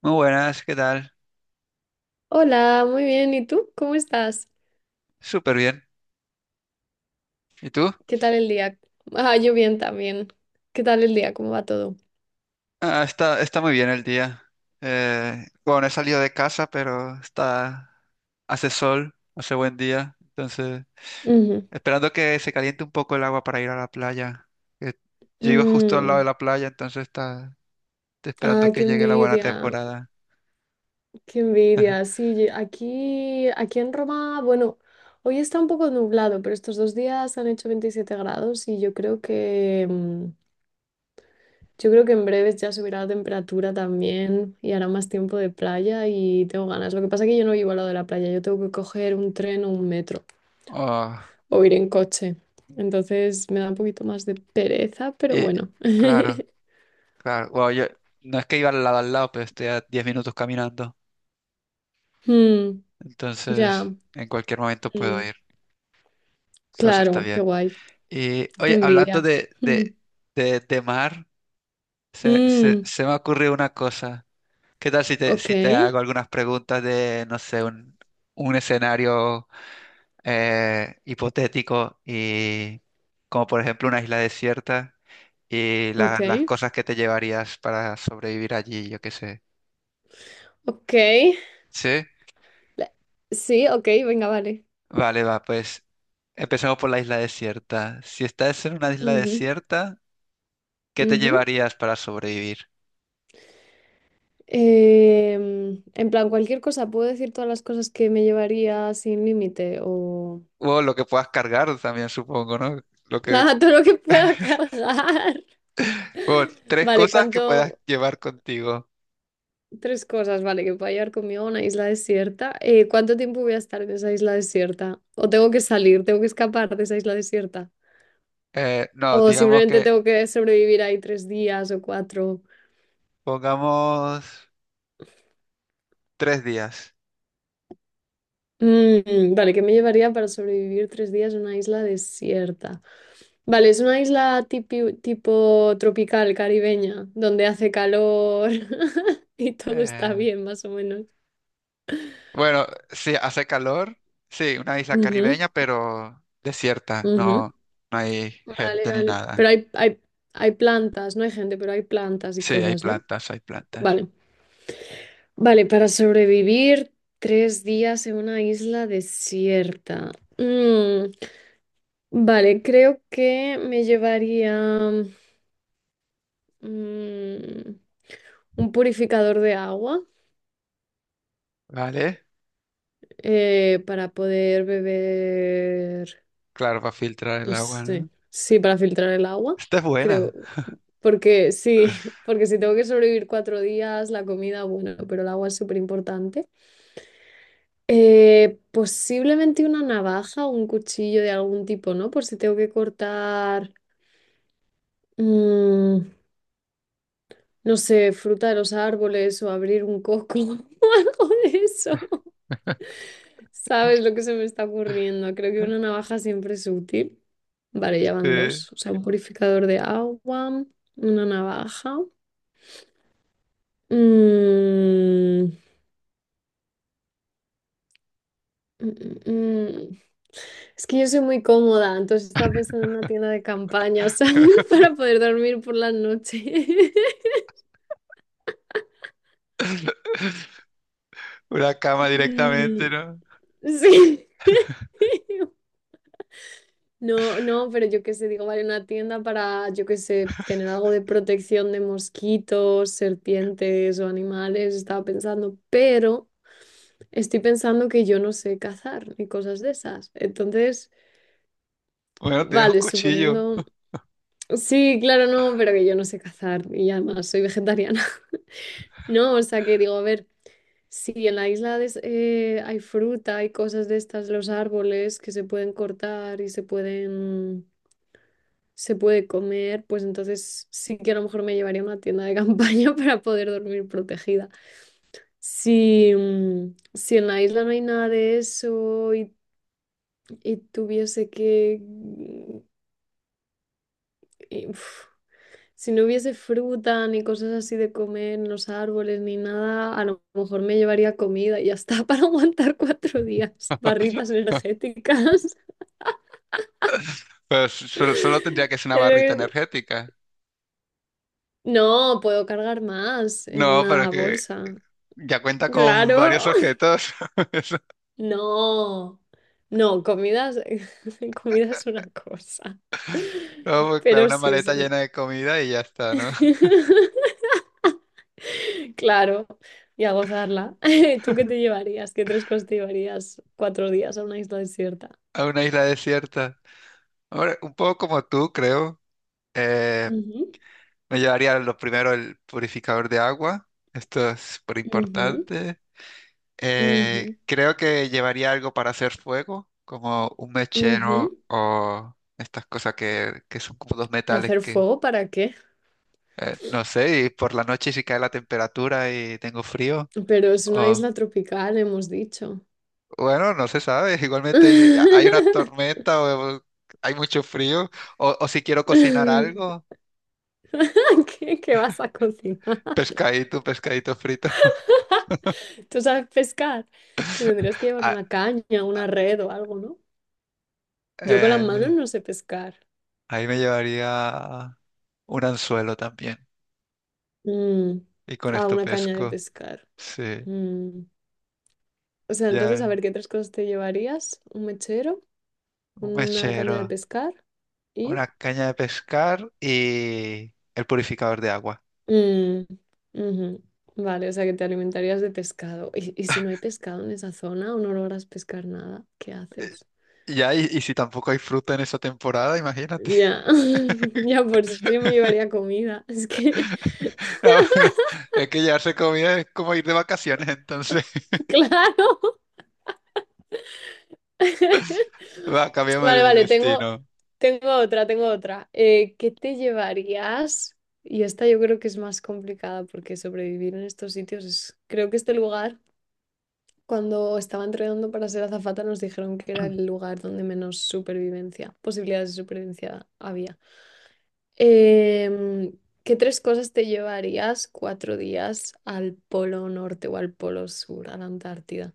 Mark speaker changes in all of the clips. Speaker 1: Muy buenas, ¿qué tal?
Speaker 2: Hola, muy bien. ¿Y tú? ¿Cómo estás?
Speaker 1: Súper bien. ¿Y tú?
Speaker 2: ¿Qué tal el día? Ah, yo bien también. ¿Qué tal el día? ¿Cómo va todo?
Speaker 1: Ah, está muy bien el día. Bueno, he salido de casa, pero está, hace sol, hace buen día. Entonces,
Speaker 2: Ujú.
Speaker 1: esperando que se caliente un poco el agua para ir a la playa. Que Yo vivo justo al lado de
Speaker 2: Mm.
Speaker 1: la playa, entonces está, estoy esperando
Speaker 2: Ah,
Speaker 1: que
Speaker 2: qué
Speaker 1: llegue la buena
Speaker 2: envidia,
Speaker 1: temporada.
Speaker 2: qué envidia. Sí, aquí, aquí en Roma, bueno, hoy está un poco nublado, pero estos dos días han hecho 27 grados y yo creo que, yo creo que en breves ya subirá la temperatura también y hará más tiempo de playa y tengo ganas. Lo que pasa es que yo no vivo al lado de la playa, yo tengo que coger un tren o un metro
Speaker 1: Oh,
Speaker 2: o ir en coche. Entonces me da un poquito más de pereza, pero
Speaker 1: y
Speaker 2: bueno.
Speaker 1: claro, claro. Bueno, yo no es que iba al lado, pero estoy a 10 minutos caminando.
Speaker 2: Mm,
Speaker 1: Entonces,
Speaker 2: ya,
Speaker 1: en cualquier momento puedo
Speaker 2: mm,
Speaker 1: ir. Entonces está
Speaker 2: claro, qué
Speaker 1: bien.
Speaker 2: guay,
Speaker 1: Y
Speaker 2: qué
Speaker 1: oye, hablando
Speaker 2: envidia.
Speaker 1: de,
Speaker 2: Mm,
Speaker 1: de, de, de mar, se, se,
Speaker 2: mm,
Speaker 1: se me ocurrió una cosa. ¿Qué tal si te,
Speaker 2: ok,
Speaker 1: si te hago algunas preguntas de, no sé, un escenario hipotético y como por ejemplo una isla desierta y
Speaker 2: ok,
Speaker 1: las cosas que te llevarías para sobrevivir allí, yo qué sé?
Speaker 2: ok.
Speaker 1: ¿Sí?
Speaker 2: La- Sí, ok, venga, vale.
Speaker 1: Vale, va, pues empecemos por la isla desierta. Si estás en una isla
Speaker 2: Ujú,
Speaker 1: desierta, ¿qué te
Speaker 2: ujú.
Speaker 1: llevarías para sobrevivir?
Speaker 2: En plan, ¿cualquier cosa, puedo decir todas las cosas que me llevaría sin límite o
Speaker 1: O lo que puedas cargar también, supongo, ¿no? Lo que,
Speaker 2: nada, todo lo que pueda cargar?
Speaker 1: bueno, tres
Speaker 2: Vale,
Speaker 1: cosas que puedas
Speaker 2: ¿cuánto?
Speaker 1: llevar contigo.
Speaker 2: Tres cosas, vale, que pueda llevar conmigo a una isla desierta. ¿Cuánto tiempo voy a estar en esa isla desierta? ¿O tengo que salir, tengo que escapar de esa isla desierta?
Speaker 1: No,
Speaker 2: ¿O
Speaker 1: digamos
Speaker 2: simplemente
Speaker 1: que
Speaker 2: tengo que sobrevivir ahí tres días o cuatro?
Speaker 1: pongamos 3 días.
Speaker 2: Mm, vale, ¿qué me llevaría para sobrevivir tres días en una isla desierta? Vale, es una isla tipo tropical, caribeña, donde hace calor y todo está
Speaker 1: Eh,
Speaker 2: bien, más o menos.
Speaker 1: bueno, sí, hace calor. Sí, una isla
Speaker 2: Ujú,
Speaker 1: caribeña, pero desierta.
Speaker 2: ujú.
Speaker 1: No, no hay
Speaker 2: Vale,
Speaker 1: gente ni
Speaker 2: vale.
Speaker 1: nada.
Speaker 2: Pero hay plantas, no hay gente, pero hay plantas y
Speaker 1: Sí, hay
Speaker 2: cosas, ¿no?
Speaker 1: plantas, hay plantas.
Speaker 2: Vale. Vale, para sobrevivir tres días en una isla desierta. Vale, creo que me llevaría mm, un purificador de agua,
Speaker 1: ¿Vale?
Speaker 2: para poder beber.
Speaker 1: Claro, para filtrar el
Speaker 2: No
Speaker 1: agua, ¿no?
Speaker 2: sé. Sí, para filtrar el agua,
Speaker 1: Esta es
Speaker 2: creo.
Speaker 1: buena.
Speaker 2: Porque sí, porque si tengo que sobrevivir cuatro días, la comida, bueno, pero el agua es súper importante. Posiblemente una navaja o un cuchillo de algún tipo, ¿no? Por si tengo que cortar, mm, no sé, fruta de los árboles o abrir un coco o algo de eso. ¿Sabes lo que se me está ocurriendo? Creo que una navaja siempre es útil. Vale, ya van
Speaker 1: Sí.
Speaker 2: dos. O sea, un purificador de agua, una navaja. Mm, mm, mm, mm. Es que yo soy muy cómoda, entonces estaba pensando en una tienda de campaña, ¿sabes? Para poder dormir por la noche.
Speaker 1: Una cama directamente,
Speaker 2: Mm.
Speaker 1: ¿no?
Speaker 2: Sí. No, no, pero yo qué sé, digo, vale, una tienda para, yo qué sé, tener algo de protección de mosquitos, serpientes o animales, estaba pensando, pero estoy pensando que yo no sé cazar ni cosas de esas. Entonces,
Speaker 1: Bueno, tienes un
Speaker 2: vale,
Speaker 1: cuchillo.
Speaker 2: suponiendo, sí, claro, no, pero que yo no sé cazar y además soy vegetariana. No, o sea que digo, a ver, si en la hay fruta, hay cosas de estas, los árboles que se pueden cortar y se pueden, se puede comer, pues entonces sí que a lo mejor me llevaría a una tienda de campaña para poder dormir protegida. Si, si en la isla no hay nada de eso y tuviese que... y, uf, si no hubiese fruta ni cosas así de comer en los árboles ni nada, a lo mejor me llevaría comida y ya está para aguantar cuatro días. Barritas energéticas.
Speaker 1: Pero solo, solo tendría
Speaker 2: Es
Speaker 1: que ser una barrita
Speaker 2: lo que-
Speaker 1: energética.
Speaker 2: No, puedo cargar más en
Speaker 1: No, pero es
Speaker 2: una
Speaker 1: que
Speaker 2: bolsa.
Speaker 1: ya cuenta con varios
Speaker 2: Claro.
Speaker 1: objetos. Eso-
Speaker 2: No, no, comida es una cosa.
Speaker 1: no, pues, claro,
Speaker 2: Pero
Speaker 1: una
Speaker 2: sí, sí.
Speaker 1: maleta llena de comida y ya está, ¿no?
Speaker 2: Claro, y a gozarla. ¿Tú qué te llevarías? ¿Qué tres cosas te llevarías cuatro días a una isla desierta?
Speaker 1: A una isla desierta. Ahora, un poco como tú, creo. Eh,
Speaker 2: Ujú,
Speaker 1: me llevaría lo primero el purificador de agua. Esto es súper
Speaker 2: ujú,
Speaker 1: importante.
Speaker 2: ujú,
Speaker 1: Creo que llevaría algo para hacer fuego, como un mechero
Speaker 2: ujú.
Speaker 1: o estas cosas que son como dos metales
Speaker 2: ¿Hacer
Speaker 1: que…
Speaker 2: fuego para qué?
Speaker 1: No sé, y por la noche si cae la temperatura y tengo frío,
Speaker 2: Pero es una
Speaker 1: o
Speaker 2: isla tropical, hemos dicho.
Speaker 1: bueno, no se sabe, igualmente hay una tormenta o hay mucho frío, o si quiero
Speaker 2: ¿Qué,
Speaker 1: cocinar algo,
Speaker 2: qué vas a cocinar?
Speaker 1: pescadito, pescadito frito.
Speaker 2: ¿Tú sabes pescar? Te tendrías que llevar
Speaker 1: Ah,
Speaker 2: una caña,
Speaker 1: ah,
Speaker 2: una red o algo, ¿no? Yo con las manos
Speaker 1: eh,
Speaker 2: no sé pescar.
Speaker 1: ahí me llevaría un anzuelo también,
Speaker 2: Mm.
Speaker 1: y con
Speaker 2: Ah,
Speaker 1: esto
Speaker 2: una caña de
Speaker 1: pesco,
Speaker 2: pescar.
Speaker 1: sí,
Speaker 2: Mm. O sea, entonces,
Speaker 1: ya,
Speaker 2: a ver, ¿qué tres cosas te llevarías? Un mechero,
Speaker 1: un
Speaker 2: una caña
Speaker 1: mechero,
Speaker 2: de pescar y...
Speaker 1: una caña de pescar y el purificador de agua.
Speaker 2: Mm, ujú. Vale, o sea, que te alimentarías de pescado. Y si no hay pescado en esa zona o no logras pescar nada, qué haces?
Speaker 1: Ya, y si tampoco hay fruta en esa temporada, imagínate.
Speaker 2: Ya, ya por si me llevaría comida. Es que,
Speaker 1: No, pero es que llevarse comida es como ir de vacaciones, entonces
Speaker 2: claro.
Speaker 1: va, cambiamos
Speaker 2: Vale,
Speaker 1: de
Speaker 2: vale,
Speaker 1: destino.
Speaker 2: tengo tengo otra. ¿Qué te llevarías? Y esta yo creo que es más complicada porque sobrevivir en estos sitios es... Creo que este lugar, cuando estaba entrenando para ser azafata, nos dijeron que era el lugar donde menos supervivencia, posibilidades de supervivencia había. Em, ¿Qué tres cosas te llevarías cuatro días al polo norte o al polo sur, a la Antártida,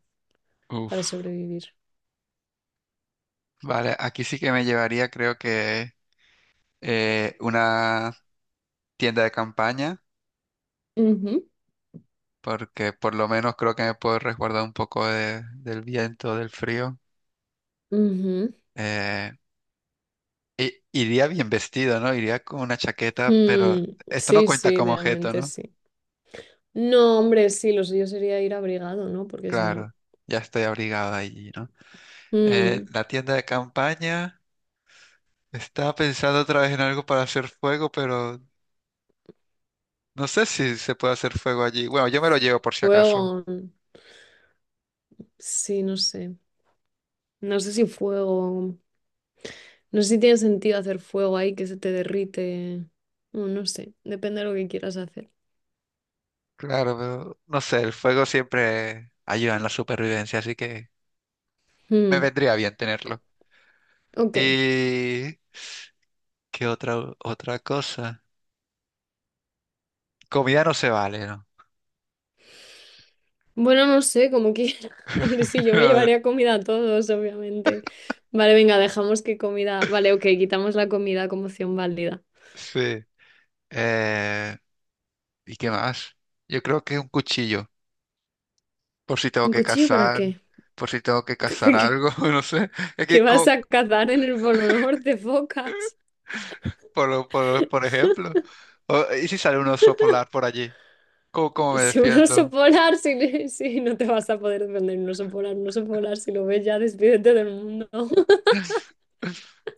Speaker 2: para
Speaker 1: Uf,
Speaker 2: sobrevivir?
Speaker 1: vale, aquí sí que me llevaría, creo que una tienda de campaña,
Speaker 2: Ujú,
Speaker 1: porque por lo menos creo que me puedo resguardar un poco del viento, del frío.
Speaker 2: ujú.
Speaker 1: Eh, iría bien vestido, ¿no? Iría con una chaqueta, pero
Speaker 2: Mm,
Speaker 1: esto no
Speaker 2: sí,
Speaker 1: cuenta
Speaker 2: sí,
Speaker 1: como objeto,
Speaker 2: realmente
Speaker 1: ¿no?
Speaker 2: sí. No, hombre, sí, lo suyo sería ir abrigado, ¿no? Porque si no.
Speaker 1: Claro, ya estoy abrigado allí, ¿no?
Speaker 2: Mm,
Speaker 1: La tienda de campaña. Estaba pensando otra vez en algo para hacer fuego, pero no sé si se puede hacer fuego allí. Bueno, yo me lo llevo por si acaso.
Speaker 2: fuego. Sí, no sé. No sé si fuego. No sé si tiene sentido hacer fuego ahí que se te derrite. Mm, no sé. Depende de lo que quieras hacer.
Speaker 1: Claro, pero no sé, el fuego siempre ayuda en la supervivencia, así que me
Speaker 2: Mm,
Speaker 1: vendría bien tenerlo.
Speaker 2: ok.
Speaker 1: ¿Y qué otra cosa? Comida no se vale, ¿no?
Speaker 2: Bueno, no sé, como quieras. A ver, sí, yo me
Speaker 1: No, no.
Speaker 2: llevaría comida a todos, obviamente. Vale, venga, dejamos que comida. Vale, ok, quitamos la comida como opción válida.
Speaker 1: Sí. Eh, ¿Y qué más? Yo creo que un cuchillo, por si tengo
Speaker 2: ¿Un
Speaker 1: que
Speaker 2: cuchillo para
Speaker 1: cazar,
Speaker 2: qué?
Speaker 1: por si tengo que cazar algo, no sé. Es
Speaker 2: ¿Que
Speaker 1: que
Speaker 2: vas a cazar en el Polo Norte, focas?
Speaker 1: por ejemplo. ¿Y si sale un oso polar por allí? ¿Cómo, cómo me
Speaker 2: Si un oso
Speaker 1: defiendo?
Speaker 2: polar, si no te vas a poder defender un oso polar, si lo ves ya, despídete del mundo.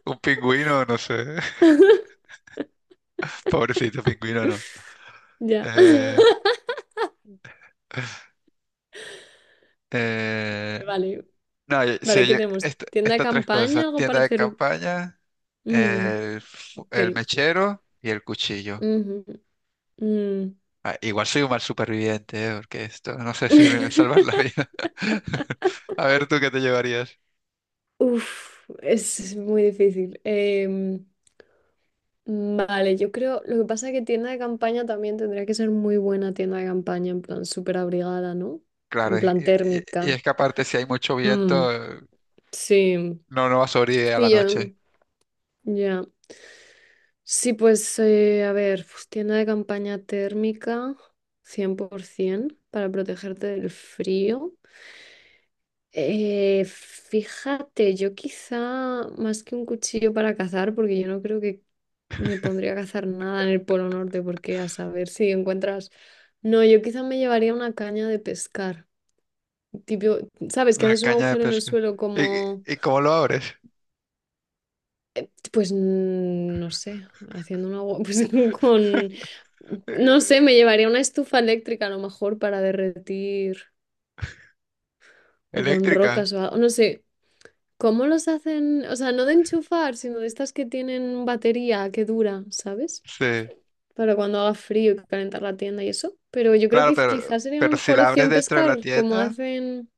Speaker 1: ¿Un pingüino? No sé. Pobrecito pingüino, no.
Speaker 2: Ya.
Speaker 1: Eh, eh,
Speaker 2: Vale,
Speaker 1: no,
Speaker 2: vale,
Speaker 1: sí,
Speaker 2: ¿qué tenemos? ¿Tienda de
Speaker 1: estas tres
Speaker 2: campaña?
Speaker 1: cosas.
Speaker 2: ¿Algo
Speaker 1: Tienda
Speaker 2: para
Speaker 1: de
Speaker 2: hacer?
Speaker 1: campaña,
Speaker 2: Mm, ok.
Speaker 1: el mechero y el cuchillo.
Speaker 2: Ujú, mm.
Speaker 1: Ah, igual soy un mal superviviente, porque esto no sé si me va a salvar la vida. A ver, ¿tú qué te llevarías?
Speaker 2: Uf, es muy difícil. Vale, yo creo, lo que pasa es que tienda de campaña también tendría que ser muy buena tienda de campaña, en plan súper abrigada, ¿no?
Speaker 1: Claro,
Speaker 2: En
Speaker 1: y,
Speaker 2: plan
Speaker 1: y- y
Speaker 2: térmica.
Speaker 1: es que aparte si hay mucho viento,
Speaker 2: Mm, sí,
Speaker 1: no, no va a sobrevivir a la
Speaker 2: sí, ya,
Speaker 1: noche.
Speaker 2: ya. Sí, a ver, pues, tienda de campaña térmica, 100%, para protegerte del frío. Fíjate, yo quizá más que un cuchillo para cazar, porque yo no creo que me pondría a cazar nada en el Polo Norte, porque a saber si encuentras... No, yo quizá me llevaría una caña de pescar. Tipo, ¿sabes? Que
Speaker 1: Una
Speaker 2: haces un
Speaker 1: caña de
Speaker 2: agujero en el
Speaker 1: pesca.
Speaker 2: suelo
Speaker 1: ¿Y,
Speaker 2: como...
Speaker 1: y cómo lo abres?
Speaker 2: Pues no sé, haciendo un agua, pues con... No
Speaker 1: Eh,
Speaker 2: sé, me llevaría una estufa eléctrica a lo mejor para derretir o con
Speaker 1: Eléctrica.
Speaker 2: rocas o algo, no sé. ¿Cómo los hacen? O sea, no de enchufar, sino de estas que tienen batería que dura, ¿sabes?
Speaker 1: Sí.
Speaker 2: Para cuando haga frío y calentar la tienda y eso. Pero yo creo
Speaker 1: Claro,
Speaker 2: que
Speaker 1: pero,
Speaker 2: quizás sería una
Speaker 1: pero si
Speaker 2: mejor
Speaker 1: la abres
Speaker 2: opción
Speaker 1: dentro de la
Speaker 2: pescar, como
Speaker 1: tienda,
Speaker 2: hacen...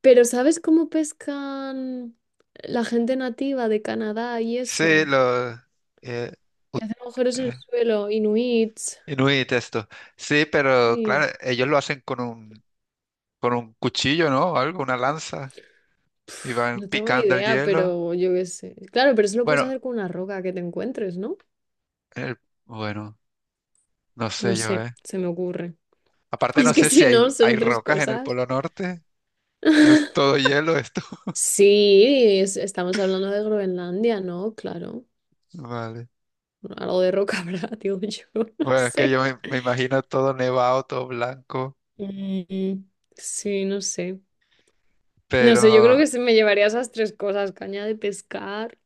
Speaker 2: Pero ¿sabes cómo pescan la gente nativa de Canadá y
Speaker 1: sí,
Speaker 2: eso?
Speaker 1: los eh, ut-
Speaker 2: Hacen agujeros en el
Speaker 1: eh,
Speaker 2: suelo, inuits.
Speaker 1: Inuit esto. Sí, pero
Speaker 2: Sí.
Speaker 1: claro, ellos lo hacen con un cuchillo, ¿no? O algo, una lanza. Y
Speaker 2: Pf,
Speaker 1: van
Speaker 2: no tengo ni
Speaker 1: picando el
Speaker 2: idea,
Speaker 1: hielo.
Speaker 2: pero yo qué sé. Claro, pero eso lo puedes
Speaker 1: Bueno,
Speaker 2: hacer con una roca que te encuentres, ¿no?
Speaker 1: el- bueno, no
Speaker 2: No
Speaker 1: sé yo,
Speaker 2: sé,
Speaker 1: ¿eh?
Speaker 2: se me ocurre.
Speaker 1: Aparte
Speaker 2: Es
Speaker 1: no
Speaker 2: que
Speaker 1: sé si
Speaker 2: si
Speaker 1: hay,
Speaker 2: no,
Speaker 1: hay
Speaker 2: son tres
Speaker 1: rocas en el
Speaker 2: cosas.
Speaker 1: Polo Norte. No es todo hielo esto.
Speaker 2: Sí, estamos hablando de Groenlandia, ¿no? Claro.
Speaker 1: Vale.
Speaker 2: Algo de roca habrá, digo yo, no
Speaker 1: Bueno, es que
Speaker 2: sé.
Speaker 1: yo me imagino todo nevado, todo blanco,
Speaker 2: Mm, sí, no sé. No sé, yo creo
Speaker 1: pero
Speaker 2: que se me llevaría esas tres cosas, caña de pescar.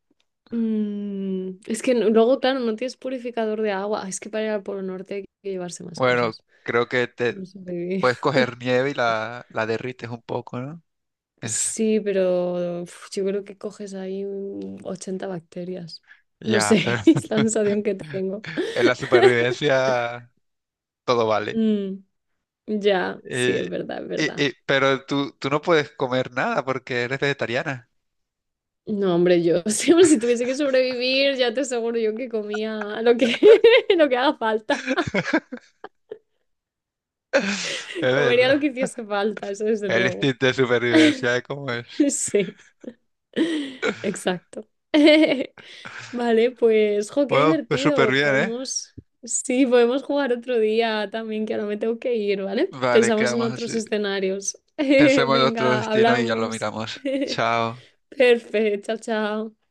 Speaker 2: Mm, es que no- luego, claro, no tienes purificador de agua. Ah, es que para ir al Polo Norte hay que llevarse más
Speaker 1: bueno,
Speaker 2: cosas.
Speaker 1: creo que te
Speaker 2: No sobreviví.
Speaker 1: puedes coger nieve y la derrites un poco, ¿no? Es,
Speaker 2: Sí, pero uf, yo creo que coges ahí 80 bacterias. No
Speaker 1: ya, pero
Speaker 2: sé, es la sensación que tengo.
Speaker 1: en la supervivencia todo vale.
Speaker 2: Mm. Ya, sí, es
Speaker 1: Eh,
Speaker 2: verdad, es verdad.
Speaker 1: pero tú, tú no puedes comer nada porque eres vegetariana.
Speaker 2: No, hombre, yo siempre si tuviese que sobrevivir, ya te aseguro yo que comía lo que, lo que haga falta.
Speaker 1: Es
Speaker 2: Comería
Speaker 1: verdad.
Speaker 2: lo que hiciese falta, eso desde
Speaker 1: El
Speaker 2: luego.
Speaker 1: instinto de supervivencia es como es.
Speaker 2: Sí, exacto. Vale, pues, jo, qué
Speaker 1: Bueno, pues súper
Speaker 2: divertido.
Speaker 1: bien, ¿eh?
Speaker 2: Podemos, sí, podemos jugar otro día también, que ahora me tengo que ir, ¿vale?
Speaker 1: Vale,
Speaker 2: Pensamos en
Speaker 1: quedamos así.
Speaker 2: otros escenarios.
Speaker 1: Pensemos en otro
Speaker 2: Venga,
Speaker 1: destino y ya lo
Speaker 2: hablamos.
Speaker 1: miramos. Chao.
Speaker 2: Perfecto, chao, chao.